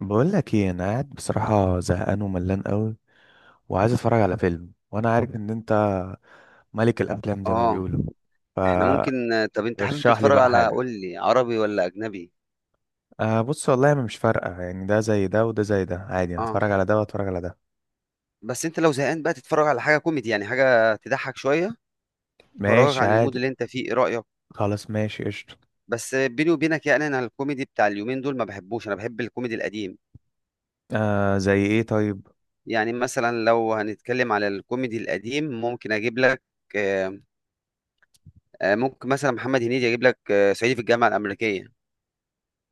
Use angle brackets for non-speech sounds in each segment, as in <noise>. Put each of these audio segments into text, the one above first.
بقول لك ايه، انا قاعد بصراحه زهقان وملان قوي وعايز اتفرج على فيلم، وانا عارف ان انت ملك الافلام زي ما اه. بيقولوا. احنا فرشح ممكن طب انت حابب لي تتفرج بقى على، حاجه. قول لي، عربي ولا اجنبي؟ أه، بص والله مش فارقه، يعني ده زي ده وده زي ده عادي. اه، هتفرج على ده واتفرج على ده. بس انت لو زهقان بقى تتفرج على حاجه كوميدي، يعني حاجه تضحك شويه تخرجك ماشي عن المود عادي. اللي انت فيه، ايه رايك؟ خلاص ماشي قشطه. بس بيني وبينك يعني انا الكوميدي بتاع اليومين دول ما بحبوش، انا بحب الكوميدي القديم. أه زي ايه طيب؟ يعني مثلا لو هنتكلم على الكوميدي القديم ممكن اجيب لك آه، ممكن مثلا محمد هنيدي، اجيب لك صعيدي في الجامعه الامريكيه،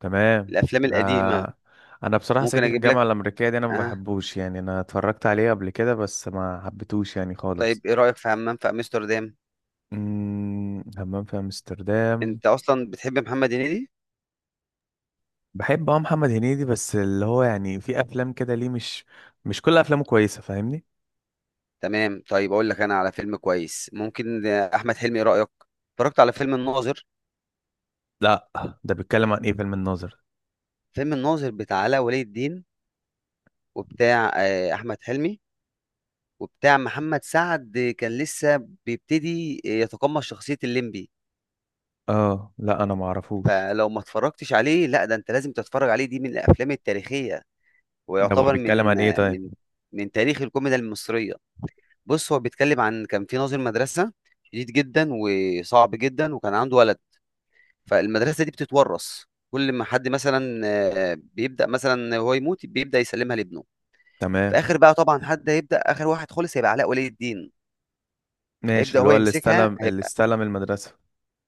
تمام. الافلام القديمه. أه، انا بصراحه ممكن صعيدي في اجيب لك الجامعه الامريكيه دي انا ما اه. بحبوش، يعني انا اتفرجت عليه قبل كده بس ما حبيتهوش يعني خالص. طيب ايه رايك في همام في امستردام؟ همام في امستردام. انت اصلا بتحب محمد هنيدي؟ بحب، محمد هنيدي، بس اللي هو يعني في افلام كده، ليه مش كل افلامه كويسه، فاهمني؟ تمام، طيب اقول لك انا على فيلم كويس ممكن، احمد حلمي، ايه رايك؟ اتفرجت على فيلم الناظر؟ لا، ده بيتكلم عن ايه فيلم الناظر؟ فيلم الناظر بتاع علاء ولي الدين، وبتاع احمد حلمي، وبتاع محمد سعد. كان لسه بيبتدي يتقمص شخصيه الليمبي. اه، لا انا ما اعرفوش. فلو ما اتفرجتش عليه لا، ده انت لازم تتفرج عليه، دي من الافلام التاريخيه ده هو ويعتبر بيتكلم من عن ايه طيب؟ من من تاريخ الكوميديا المصريه. بص، هو بيتكلم عن كان في ناظر مدرسه شديد جدا وصعب جدا وكان عنده ولد، فالمدرسه دي بتتورث. كل ما حد مثلا بيبدا مثلا هو يموت بيبدا يسلمها لابنه. في تمام. اخر بقى طبعا حد هيبدا، اخر واحد خالص هيبقى علاء ولي الدين، ماشي، هيبدا اللي هو هو اللي يمسكها، استلم اللي هيبقى استلم المدرسه.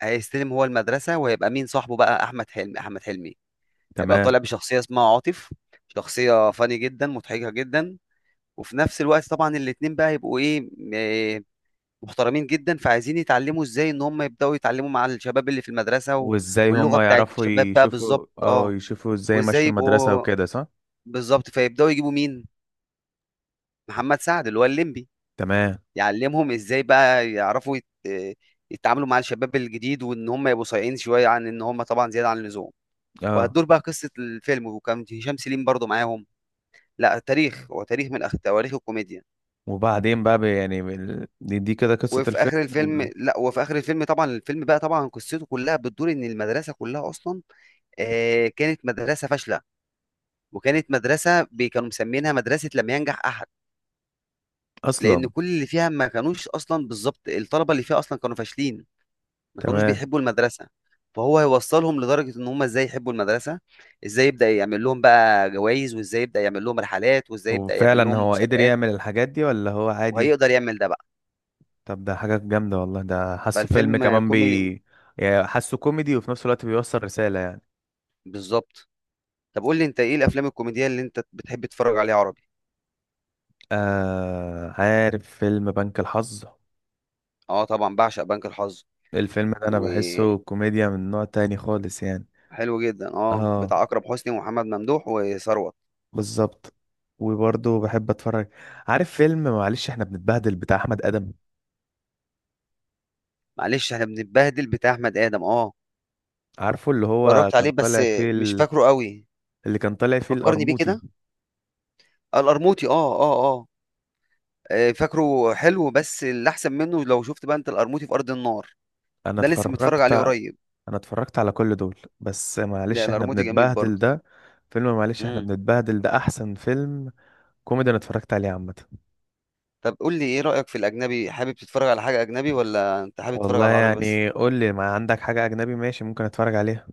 هيستلم هو المدرسه، وهيبقى مين صاحبه بقى؟ احمد حلمي. احمد حلمي هيبقى تمام، طالع بشخصيه اسمها عاطف، شخصيه فاني جدا مضحكه جدا. وفي نفس الوقت طبعا الاتنين بقى هيبقوا ايه، محترمين جدا، فعايزين يتعلموا ازاي ان هم يبداوا يتعلموا مع الشباب اللي في المدرسه وازاي واللغه هما بتاعت يعرفوا الشباب بقى بالظبط، يشوفوا اه اه، يشوفوا ازاي وازاي مشوا المدرسه يبقوا وكده، صح؟ بالظبط. فيبداوا يجيبوا مين؟ محمد سعد اللي هو الليمبي، تمام. يعلمهم ازاي بقى يعرفوا يتعاملوا مع الشباب الجديد، وان هم يبقوا صايعين شويه عن ان هم طبعا زياده عن اللزوم. اه. وهتدور بقى قصه الفيلم، وكان هشام سليم برضو معاهم. لا، تاريخ، هو تاريخ من تواريخ الكوميديا. وبعدين بقى يعني دي كده قصه وفي الفيلم اخر الفيلم، وال- لا، وفي اخر الفيلم طبعا الفيلم بقى طبعا قصته كلها بتدور ان المدرسه كلها اصلا، كانت مدرسه فاشله، وكانت مدرسه كانوا مسمينها مدرسه لم ينجح احد، لان اصلا. كل اللي فيها ما كانوش اصلا، بالظبط، الطلبه اللي فيها اصلا كانوا فاشلين، ما كانوش تمام. بيحبوا المدرسه. فهو هيوصلهم لدرجه ان هم ازاي يحبوا المدرسه، ازاي يبدا يعمل لهم بقى جوائز، وازاي يبدا يعمل لهم رحلات، وازاي يبدا يعمل وفعلا لهم هو قدر مسابقات، يعمل الحاجات دي ولا هو عادي؟ وهيقدر يعمل ده بقى. طب ده حاجة جامدة والله، ده حاسه فيلم فالفيلم كمان كوميدي. بي يعني حاسه كوميدي وفي نفس الوقت بيوصل رسالة يعني. بالظبط. طب قول لي انت ايه الافلام الكوميديه اللي انت بتحب تتفرج عليها عربي؟ آه، عارف فيلم بنك الحظ؟ اه طبعا بعشق بنك الحظ، الفيلم ده أنا وحلو بحسه كوميديا من نوع تاني خالص يعني. جدا، اه، اه بتاع اكرم حسني ومحمد ممدوح وثروت. بالظبط. وبرضه بحب اتفرج. عارف فيلم معلش احنا بنتبهدل بتاع احمد ادم؟ معلش احنا بنتبهدل بتاع احمد ادم، اه عارفه اللي هو اتفرجت كان عليه بس طالع فيه مش ال... فاكره قوي، اللي كان طالع فيه فكرني بيه القرموطي. كده. القرموطي، اه اه اه، فاكره، حلو، بس اللي احسن منه لو شفت بقى انت القرموطي في ارض النار، انا ده لسه متفرج اتفرجت عليه قريب. انا اتفرجت على كل دول، بس لا، معلش احنا القرموطي جميل بنتبهدل برضه. ده. فيلم معلش احنا امم. بنتبهدل ده احسن فيلم كوميدي انا اتفرجت عليه عامه. طب قول لي ايه رايك في الاجنبي، حابب تتفرج على حاجه اجنبي ولا انت حابب تتفرج والله على العربي بس؟ يعني، قول لي ما عندك حاجه اجنبي ماشي، ممكن اتفرج عليها.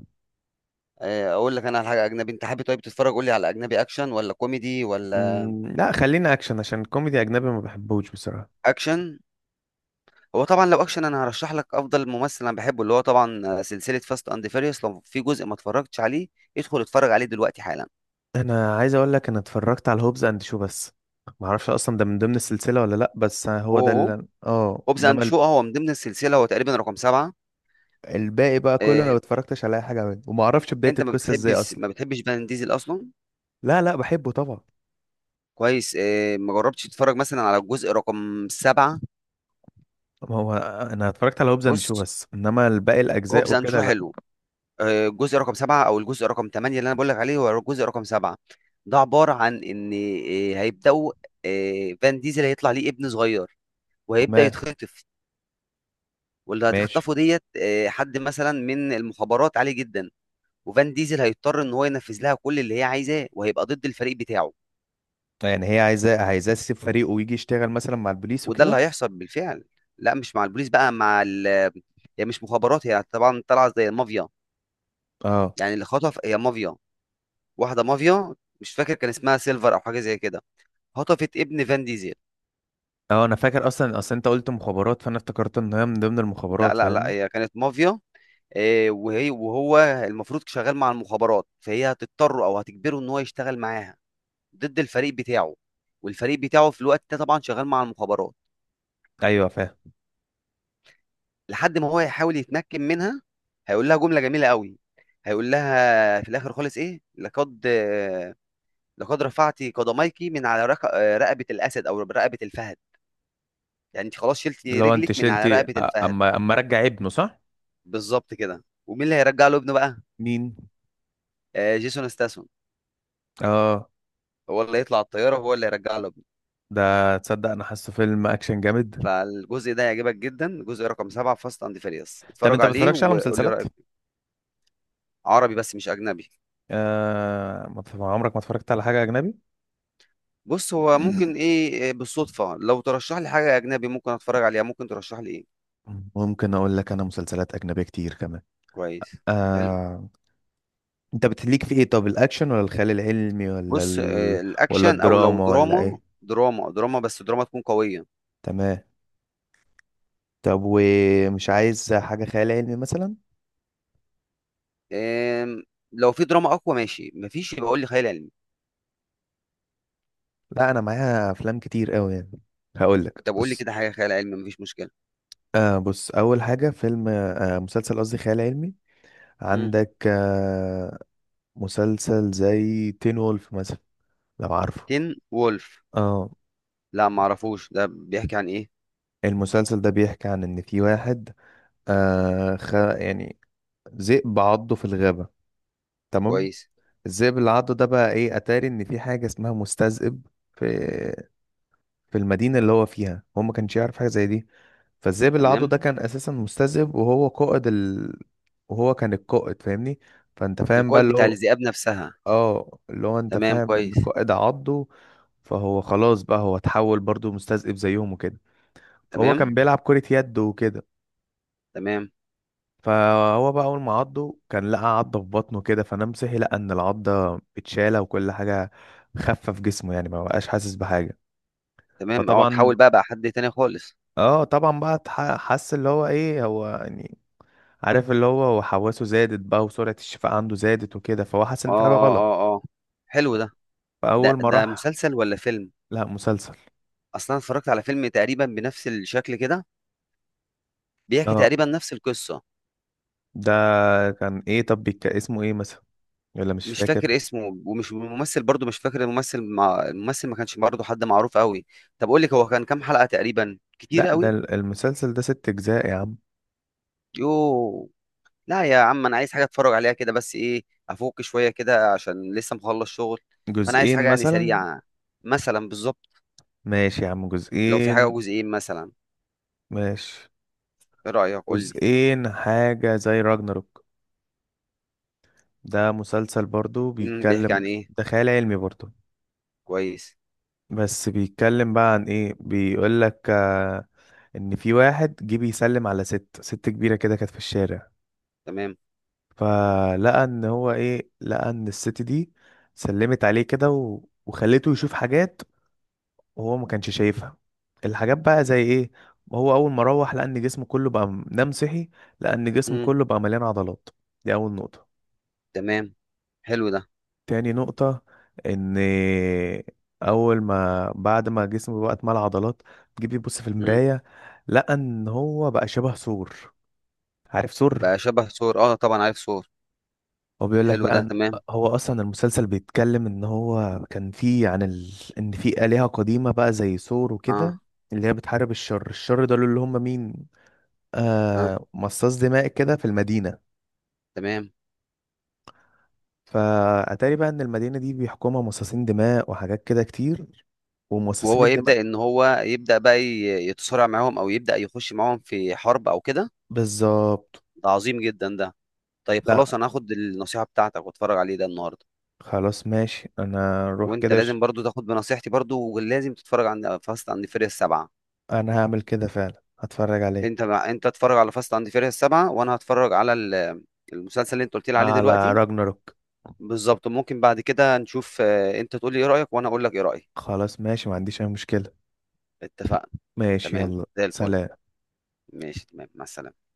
اقول لك انا على حاجه اجنبي، انت حابب طيب تتفرج، قول لي، على اجنبي اكشن ولا كوميدي ولا؟ لا خلينا اكشن، عشان الكوميدي اجنبي ما بحبوش بصراحه. اكشن. هو طبعا لو اكشن انا هرشح لك افضل ممثل انا بحبه، اللي هو طبعا سلسله فاست اند فيريوس. لو في جزء ما اتفرجتش عليه، ادخل اتفرج عليه دلوقتي حالا. انا عايز اقول لك، انا اتفرجت على هوبز اند شو بس. ما اعرفش اصلا ده من ضمن السلسله ولا لا، بس هو ده اوه، اللي هوبز اند انما شو هو من ضمن السلسله، هو تقريبا رقم سبعه. الباقي بقى كله انا آه، ما اتفرجتش على اي حاجه منه، وما اعرفش بدايه انت ما القصه ازاي بتحبش اصلا. فان ديزل اصلا؟ لا، لا بحبه طبعا. كويس. ما جربتش تتفرج مثلا على الجزء رقم سبعه؟ ما هو انا اتفرجت على هوبز اند بص، شو بس، انما الباقي الاجزاء هوبز اند وكده شو لا. حلو، الجزء رقم سبعه او الجزء رقم ثمانيه اللي انا بقول لك عليه هو الجزء رقم سبعه. ده عباره عن ان هيبداوا، فان ديزل هيطلع ليه ابن صغير وهيبدا تمام يتخطف. واللي ماشي. هتخطفه ديت حد مثلا من المخابرات عالي جدا، وفان ديزل هيضطر ان هو ينفذ لها كل اللي هي عايزاه، وهيبقى ضد الفريق بتاعه، يعني هي عايزاه، تسيب فريقه ويجي يشتغل مثلا مع البوليس وده اللي وكده. هيحصل بالفعل. لا مش مع البوليس بقى، مع ال، هي مش مخابرات، هي طبعا طالعه زي المافيا، اه. يعني اللي خطف هي مافيا، واحده مافيا، مش فاكر كان اسمها سيلفر او حاجه زي كده، خطفت ابن فان ديزل. اه، انا فاكر. اصلا اصلا انت قلت مخابرات، فانا افتكرت ان هي من ضمن لا المخابرات، لا لا، فاهمني؟ هي كانت مافيا. وهي، وهو المفروض شغال مع المخابرات، فهي هتضطره او هتجبره ان هو يشتغل معاها ضد الفريق بتاعه. والفريق بتاعه في الوقت ده طبعا شغال مع المخابرات، ايوه فاهم. لحد ما هو يحاول يتمكن منها. هيقول لها جملة جميلة قوي، هيقول لها في الآخر خالص إيه، لقد رفعت قدميك من على رقبة الأسد أو رقبة الفهد، يعني أنت خلاص شلتي لو انت رجلك من على شلتي، رقبة الفهد. اما رجع ابنه، صح؟ بالظبط كده. ومين اللي هيرجع له ابنه بقى؟ مين؟ جيسون ستاثام، اه. هو اللي هيطلع الطيارة وهو اللي هيرجع له ابنه. ده تصدق انا حاسه فيلم اكشن جامد. فالجزء ده هيعجبك جدا، جزء رقم سبعة فاست أند فيريوس، طب اتفرج انت ما عليه بتتفرجش على وقول لي مسلسلات؟ رأيك. عربي بس مش أجنبي. ما بت- عمرك ما اتفرجت على حاجه اجنبي؟ بص، هو ممكن <clears throat> ايه، إيه، بالصدفة، لو ترشح لي حاجة أجنبي ممكن أتفرج عليها. ممكن ترشح لي ايه؟ ممكن اقول لك انا مسلسلات اجنبيه كتير كمان. كويس. حلو. آه، انت بتليك في ايه؟ طب الاكشن ولا الخيال العلمي ولا بص، ولا الأكشن، أو لو الدراما ولا دراما، ايه؟ دراما دراما بس دراما تكون قوية. تمام. طب ومش عايز حاجة خيال علمي مثلا؟ آم، لو في دراما أقوى ماشي، مفيش يبقى قول لي خيال علمي. لا انا معايا افلام كتير قوي يعني. هقول لك، طب قول لي بص. كده حاجة خيال علمي، مفيش مشكلة. بص، اول حاجة، فيلم، مسلسل قصدي، خيال علمي. مم. عندك, مسلسل زي تين وولف مثلا، لو عارفه. تين وولف؟ اه. لا معرفوش، ده بيحكي عن ايه؟ المسلسل ده بيحكي عن ان في واحد، يعني ذئب عضه في الغابة. تمام. كويس. الذئب اللي عضه ده بقى ايه؟ اتاري ان في حاجه اسمها مستذئب. في في المدينه اللي هو فيها هو ما كانش يعرف حاجه زي دي. فالذئب اللي عضه تمام. ده كان اساسا مستذئب، وهو قائد. وهو كان القائد، فاهمني؟ فانت فاهم بقى القائد اللي بتاع هو، الذئاب نفسها. اه اللي هو، انت تمام، فاهم ان كويس. القائد عضه. فهو خلاص بقى، هو اتحول برضه مستذئب زيهم وكده. فهو تمام. كان بيلعب كرة يد وكده. تمام. فهو بقى اول ما عضه، كان لقى عضه في بطنه كده، فنام صحي لقى ان العضه اتشاله وكل حاجه. خفه في جسمه يعني، ما بقاش حاسس بحاجه. تمام، اه، فطبعا، تحول بقى، حد تاني خالص. اه طبعا بقى حس اللي هو ايه هو يعني. عارف، اللي هو وحواسه زادت بقى، وسرعه الشفاء عنده زادت وكده، فهو حس اه ان في حاجه غلط. اه. اه اه. حلو ده. ده فاول ما ده راح. مسلسل ولا فيلم؟ لا مسلسل. اصلا اتفرجت على فيلم تقريبا بنفس الشكل كده، بيحكي اه، تقريبا نفس القصه. ده كان ايه طب بيك، اسمه ايه مثلا، ولا مش مش فاكر؟ فاكر اسمه، ومش الممثل برضو، مش فاكر الممثل، مع الممثل ما كانش برضو حد معروف قوي. طب قول لك، هو كان كام حلقه تقريبا؟ كتير لا، قوي! المسلسل ده 6 اجزاء يا عم. يوه. لا يا عم انا عايز حاجه اتفرج عليها كده بس، ايه، افك شويه كده عشان لسه مخلص شغل. فانا عايز جزئين حاجه يعني مثلا. سريعه، مثلا بالظبط. ماشي يا عم، لو في حاجه جزئين. جزئين مثلا، ماشي. ايه رايك، قول لي. جزئين، حاجة زي راجناروك. ده مسلسل برضو، امم، بيحكي بيتكلم، عن ايه؟ ده خيال علمي برضو. كويس. بس بيتكلم بقى عن ايه؟ بيقول لك، ان في واحد جه بيسلم على ست كبيرة كده، كانت في الشارع. تمام. فلقى ان هو ايه، لقى ان الست دي سلمت عليه كده وخلته يشوف حاجات، وهو ما كانش شايفها. الحاجات بقى زي ايه؟ هو اول ما روح لقى ان جسمه كله بقى نام صحي لقى ان جسمه امم. كله بقى مليان عضلات. دي اول نقطة. تمام. حلو ده. تاني نقطة، ان اول ما بعد ما جسمه بقى اتملى عضلات، تجيب يبص في مم. المراية لقى ان هو بقى شبه ثور. عارف ثور؟ بقى شبه ثور، اه طبعا عارف ثور. هو بيقول لك حلو بقى، ده إن تمام. هو اصلا المسلسل بيتكلم ان هو كان فيه عن. ان في آلهة قديمة بقى زي ثور اه وكده، اللي هي بتحارب الشر. الشر دول اللي هم مين؟ اه. مصاص دماء كده في المدينة. تمام. فأتاري بقى ان المدينة دي بيحكمها مصاصين دماء وحاجات كده كتير، ومصاصين وهو الدماء. يبدأ ان هو يبدأ بقى يتصارع معاهم، او يبدأ يخش معاهم في حرب او كده. بالظبط. ده عظيم جدا ده. طيب لا، خلاص انا هاخد النصيحة بتاعتك واتفرج عليه ده النهارده. خلاص ماشي انا روح وانت كده. لازم برضو تاخد بنصيحتي برضو، ولازم تتفرج على فاست عند فيري السبعة. انا هعمل كده فعلا، هتفرج عليه، انت اتفرج على فاست عند فيري السبعة، وانا هتفرج على المسلسل اللي انت قلت لي عليه على دلوقتي. راجناروك. بالظبط. ممكن بعد كده نشوف، انت تقول لي ايه رأيك وانا اقول لك ايه رأيي. خلاص ماشي، ما عنديش اي مشكلة. اتفقنا. ماشي، تمام يلا زي الفل. سلام. ماشي، تمام، مع السلامة.